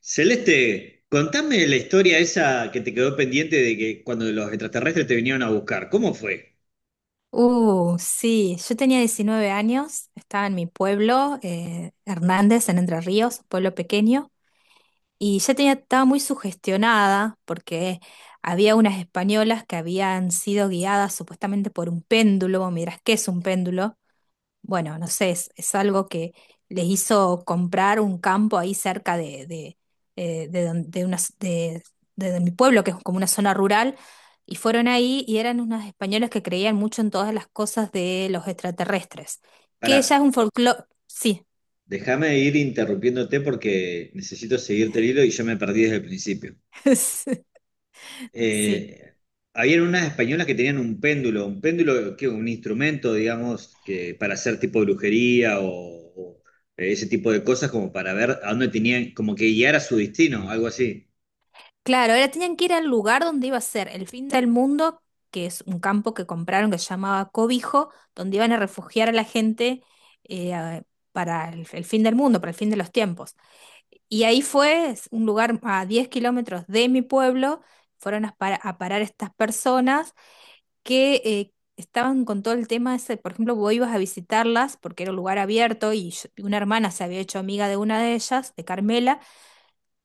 Celeste, contame la historia esa que te quedó pendiente de que cuando los extraterrestres te vinieron a buscar. ¿Cómo fue? Sí, yo tenía 19 años, estaba en mi pueblo, Hernández, en Entre Ríos, un pueblo pequeño, y ya tenía, estaba muy sugestionada porque había unas españolas que habían sido guiadas supuestamente por un péndulo. Vos, ¿qué es un péndulo? Bueno, no sé, es algo que les hizo comprar un campo ahí cerca de, don- de unas- de mi pueblo, que es como una zona rural, y fueron ahí y eran unos españoles que creían mucho en todas las cosas de los extraterrestres, Pará, que ya es un folclore, sí. déjame ir interrumpiéndote porque necesito seguirte el hilo y yo me perdí desde el principio. Sí. Eh, Habían unas españolas que tenían un péndulo, ¿qué? Un instrumento, digamos, que para hacer tipo brujería o ese tipo de cosas, como para ver a dónde tenían, como que guiar a su destino, algo así. Claro, ahora tenían que ir al lugar donde iba a ser el fin del mundo, que es un campo que compraron que se llamaba Cobijo, donde iban a refugiar a la gente eh, a- para el fin del mundo, para el fin de los tiempos. Y ahí fue, es un lugar a 10 kilómetros de mi pueblo, fueron a, a parar estas personas que estaban con todo el tema ese. Por ejemplo, vos ibas a visitarlas porque era un lugar abierto, una hermana se había hecho amiga de una de ellas, de Carmela.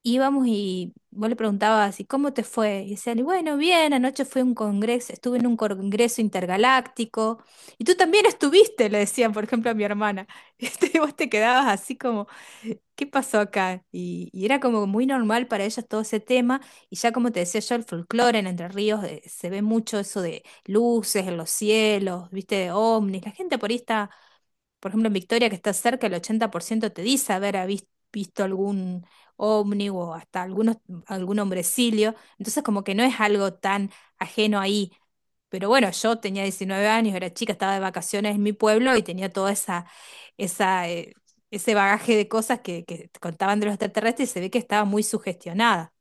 Íbamos y vos le preguntabas, ¿y cómo te fue? Y decían, y bueno, bien, anoche fui a un congreso, estuve en un congreso intergaláctico, y tú también estuviste, le decían, por ejemplo, a mi hermana. Este, y vos te quedabas así como, ¿qué pasó acá? Y era como muy normal para ellos todo ese tema. Y ya, como te decía yo, el folclore en Entre Ríos, se ve mucho eso de luces en los cielos, viste, de ovnis. La gente por ahí está, por ejemplo, en Victoria, que está cerca, el 80% te dice visto algún ovni o hasta algún hombrecillo. Entonces, como que no es algo tan ajeno ahí. Pero bueno, yo tenía 19 años, era chica, estaba de vacaciones en mi pueblo y tenía toda esa, eh, ese bagaje de cosas que contaban de los extraterrestres, y se ve que estaba muy sugestionada.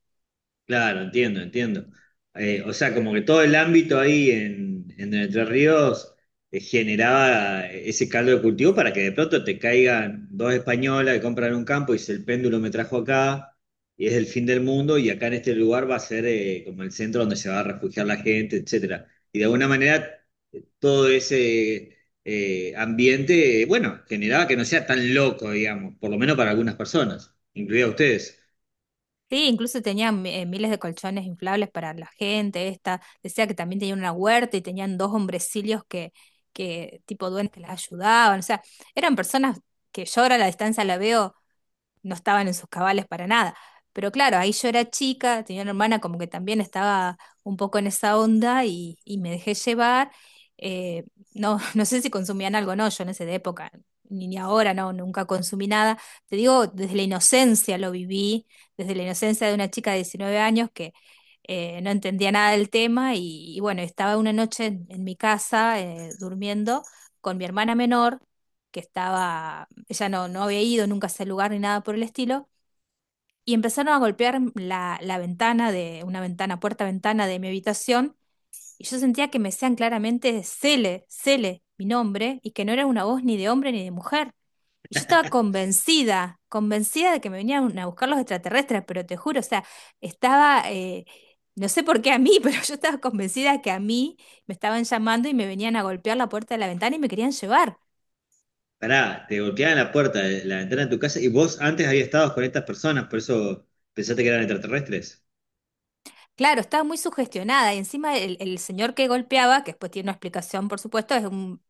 Claro, entiendo, entiendo. O sea, como que todo el ámbito ahí en Entre Ríos generaba ese caldo de cultivo para que de pronto te caigan dos españolas que compran un campo y dice, el péndulo me trajo acá y es el fin del mundo y acá en este lugar va a ser como el centro donde se va a refugiar la gente, etcétera. Y de alguna manera todo ese ambiente, bueno, generaba que no sea tan loco, digamos, por lo menos para algunas personas, incluida ustedes. Sí, incluso tenía miles de colchones inflables para la gente. Esta decía que también tenía una huerta y tenían dos hombrecillos que tipo duendes, que las ayudaban. O sea, eran personas que yo ahora a la distancia la veo, no estaban en sus cabales para nada. Pero claro, ahí yo era chica, tenía una hermana como que también estaba un poco en esa onda y me dejé llevar. Eh, no, no sé si consumían algo. No, yo en esa época, ni ahora, no, nunca consumí nada. Te digo, desde la inocencia lo viví, desde la inocencia de una chica de 19 años que no entendía nada del tema. Y bueno, estaba una noche en mi casa durmiendo con mi hermana menor, que estaba, ella no había ido nunca a ese lugar ni nada por el estilo, y empezaron a golpear la ventana de, una ventana, puerta-ventana de mi habitación, y yo sentía que me decían claramente Cele, Cele, mi nombre, y que no era una voz ni de hombre ni de mujer. Y yo estaba convencida de que me venían a buscar los extraterrestres, pero te juro, o sea, estaba, eh, no sé por qué a mí, pero yo estaba convencida que a mí me estaban llamando y me venían a golpear la puerta de la ventana y me querían llevar. Pará, te golpeaban la puerta, la ventana de tu casa y vos antes habías estado con estas personas, por eso pensaste que eran extraterrestres. Claro, estaba muy sugestionada, y encima el señor que golpeaba, que después tiene una explicación, por supuesto, es un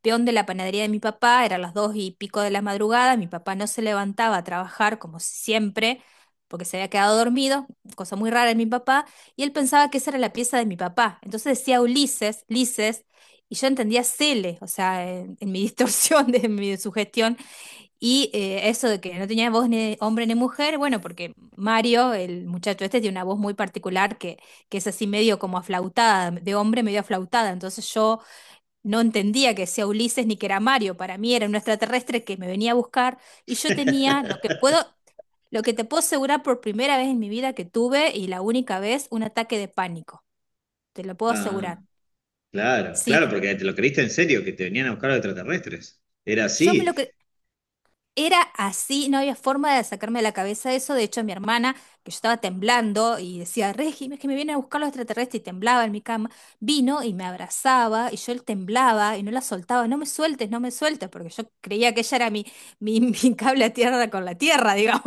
peón de la panadería de mi papá. Eran las dos y pico de la madrugada, mi papá no se levantaba a trabajar como siempre, porque se había quedado dormido, cosa muy rara en mi papá, y él pensaba que esa era la pieza de mi papá. Entonces decía Ulises, Lises, y yo entendía Cele. O sea, en mi distorsión, de mi sugestión. Y eso de que no tenía voz ni de hombre ni mujer, bueno, porque Mario, el muchacho este, tiene una voz muy particular que es así medio como aflautada, de hombre medio aflautada. Entonces yo no entendía que sea Ulises ni que era Mario. Para mí era un extraterrestre que me venía a buscar. Y yo tenía lo que puedo, Lo que te puedo asegurar, por primera vez en mi vida que tuve y la única vez, un ataque de pánico. Te lo puedo Ah, asegurar. claro, Sí, claro, porque te lo creíste en serio, que te venían a buscar los extraterrestres. Era yo me lo así. cre- era así, no había forma de sacarme de la cabeza eso. De hecho, mi hermana, que yo estaba temblando y decía, Regi, es que me vienen a buscar los extraterrestres, y temblaba en mi cama, vino y me abrazaba, y yo él temblaba y no la soltaba, no me sueltes, no me sueltes, porque yo creía que ella era mi cable a tierra con la tierra, digamos.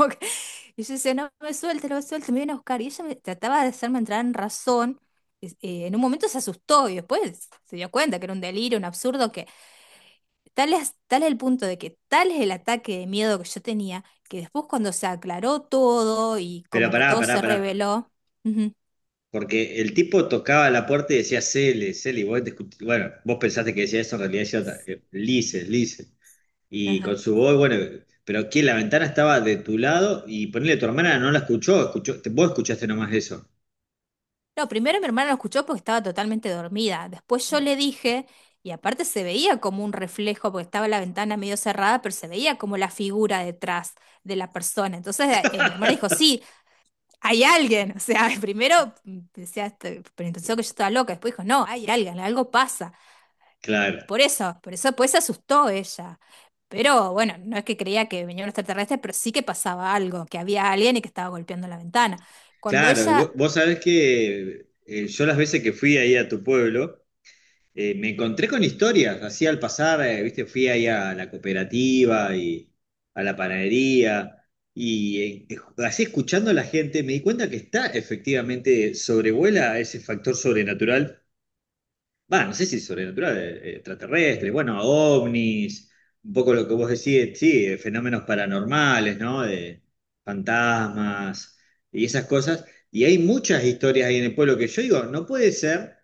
Y yo decía, no me sueltes, no me sueltes, me vienen a buscar. Y ella me trataba de hacerme entrar en razón. En un momento se asustó, y después se dio cuenta que era un delirio, un absurdo, que tal es el punto de que tal es el ataque de miedo que yo tenía, que después cuando se aclaró todo y Pero como que pará, todo pará, se pará. reveló. Ujú, Porque el tipo tocaba la puerta y decía Cele, Cele, y vos bueno, vos pensaste que decía eso, en realidad decía otra. Lice, Lice. Y con ajá. su voz, bueno, pero que la ventana estaba de tu lado y ponele tu hermana no la escuchó, escuchó, vos escuchaste nomás eso. No, primero mi hermana lo escuchó porque estaba totalmente dormida. Después yo le dije, y aparte se veía como un reflejo, porque estaba la ventana medio cerrada, pero se veía como la figura detrás de la persona. Entonces mi hermana dijo, sí, hay alguien. O sea, primero decía, este, pero pensó que yo estaba loca. Después dijo, no, hay alguien, algo pasa. Claro. Por eso, pues se asustó ella. Pero bueno, no es que creía que venía un extraterrestre, pero sí que pasaba algo, que había alguien y que estaba golpeando la ventana. Cuando Claro, y vo- ella, vos, sabés que yo las veces que fui ahí a tu pueblo, me encontré con historias, así al pasar, viste, fui ahí a la cooperativa y a la panadería, y así escuchando a la gente, me di cuenta que está efectivamente, sobrevuela ese factor sobrenatural. Va, no sé si sobrenatural, extraterrestre, bueno, ovnis, un poco lo que vos decís, sí, fenómenos paranormales, ¿no? De fantasmas y esas cosas. Y hay muchas historias ahí en el pueblo que yo digo, no puede ser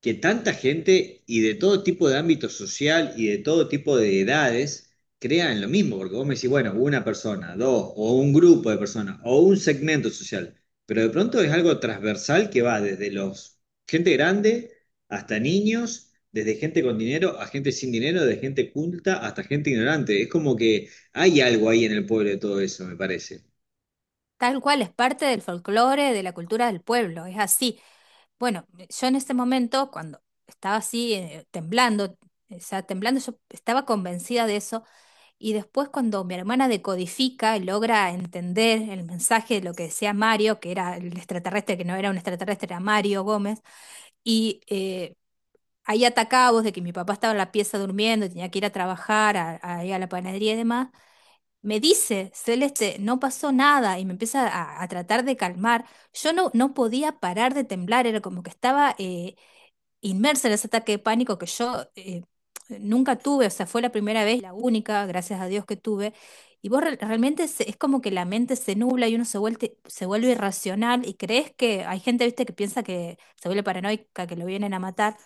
que tanta gente y de todo tipo de ámbito social y de todo tipo de edades crean lo mismo, porque vos me decís, bueno, una persona, dos, o un grupo de personas, o un segmento social, pero de pronto es algo transversal que va desde los gente grande hasta niños, desde gente con dinero a gente sin dinero, de gente culta hasta gente ignorante. Es como que hay algo ahí en el pueblo de todo eso, me parece. tal cual, es parte del folclore, de la cultura del pueblo, es así. Bueno, yo en ese momento, cuando estaba así, temblando, o sea, temblando, yo estaba convencida de eso. Y después cuando mi hermana decodifica y logra entender el mensaje de lo que decía Mario, que era el extraterrestre, que no era un extraterrestre, era Mario Gómez, y ahí atacados de que mi papá estaba en la pieza durmiendo, tenía que ir a trabajar, a ir a la panadería y demás, me dice, Celeste, no pasó nada, y me empieza a tratar de calmar. Yo no podía parar de temblar, era como que estaba inmersa en ese ataque de pánico que yo nunca tuve. O sea, fue la primera vez, la única, gracias a Dios que tuve. Y vos realmente es como que la mente se nubla y uno se vuelve irracional, y crees que hay gente, viste, que piensa, que se vuelve paranoica, que lo vienen a matar.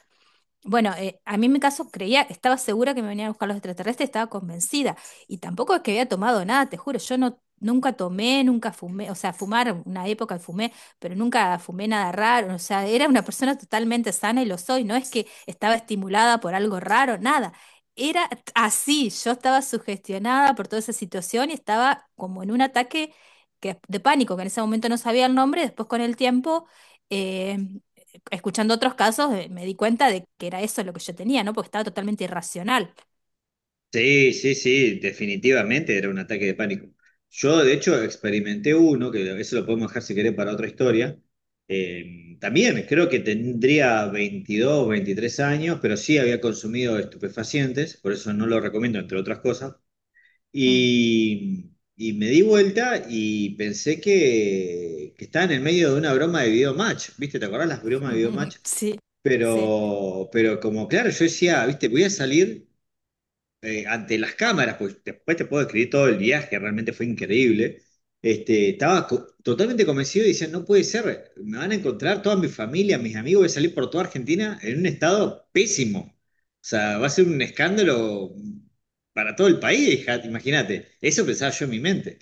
Bueno, a mí en mi caso creía, estaba segura que me venían a buscar los extraterrestres, estaba convencida. Y tampoco es que había tomado nada, te juro, yo no, nunca tomé, nunca fumé, o sea, fumar, una época fumé, pero nunca fumé nada raro. O sea, era una persona totalmente sana, y lo soy, no es que estaba estimulada por algo raro, nada. Era así, yo estaba sugestionada por toda esa situación, y estaba como en un ataque de pánico, que en ese momento no sabía el nombre, después con el tiempo… eh, escuchando otros casos, me di cuenta de que era eso lo que yo tenía, ¿no? Porque estaba totalmente irracional. Sí, sí, sí, definitivamente era un ataque de pánico. Yo, de hecho, experimenté uno, que eso lo podemos dejar si querés para otra historia. También creo que tendría 22, 23 años, pero sí había consumido estupefacientes, por eso no lo recomiendo, entre otras cosas. Mm. Y, y me di vuelta y pensé que estaba en el medio de una broma de videomatch, ¿viste? ¿Te acordás las bromas de videomatch? Sí, sí, Pero como claro, yo decía, ¿viste? Voy a salir ante las cámaras, pues después te puedo escribir todo el viaje, realmente fue increíble. Este, estaba totalmente convencido y decía, no puede ser, me van a encontrar toda mi familia, mis amigos, voy a salir por toda Argentina en un estado pésimo. O sea, va a ser un escándalo para todo el país, hija, imagínate. Eso pensaba yo en mi mente.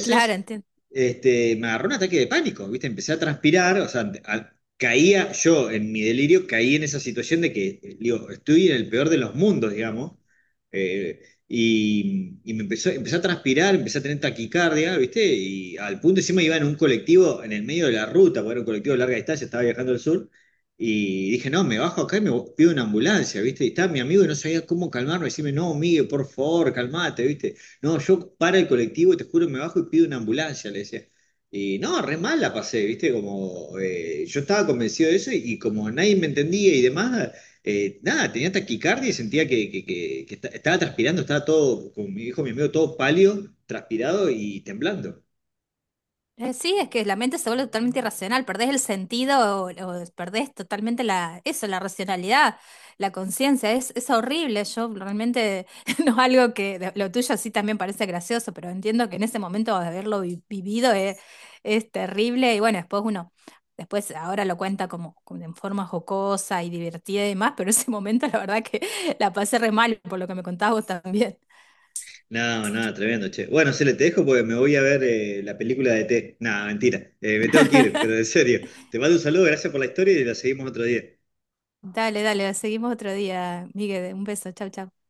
claro, entiendo. este, me agarró un ataque de pánico, ¿viste? Empecé a transpirar, o sea, caía yo en mi delirio, caí en esa situación de que, digo, estoy en el peor de los mundos, digamos. Eh, y me empezó, empecé a transpirar, empecé a tener taquicardia, ¿viste? Y al punto encima iba en un colectivo en el medio de la ruta, porque era un colectivo de larga distancia, estaba viajando al sur. Y dije, no, me bajo acá y pido una ambulancia, ¿viste? Y estaba mi amigo y no sabía cómo calmarme. Decime, no, Miguel, por favor, calmate, ¿viste? No, yo para el colectivo, te juro, me bajo y pido una ambulancia, le decía. Y no, re mal la pasé, ¿viste? Como yo estaba convencido de eso y como nadie me entendía y demás, nada, tenía taquicardia y sentía que estaba transpirando, estaba todo, como me dijo mi amigo, todo pálido, transpirado y temblando. Sí, es que la mente se vuelve totalmente irracional, perdés el sentido o perdés totalmente la, eso, la racionalidad, la conciencia, es horrible. Yo realmente no es algo que lo tuyo sí también parece gracioso, pero entiendo que en ese momento de haberlo vivido es terrible. Y bueno, después uno, después ahora lo cuenta como, como en forma jocosa y divertida y demás, pero ese momento la verdad que la pasé re mal, por lo que me contabas vos también. No, no, tremendo, che. Bueno, se le te dejo porque me voy a ver la película de E T. No, mentira, me tengo que ir, pero en serio. Te mando un saludo, gracias por la historia y la seguimos otro día. Dale, dale, seguimos otro día, Miguel, un beso, chau, chau.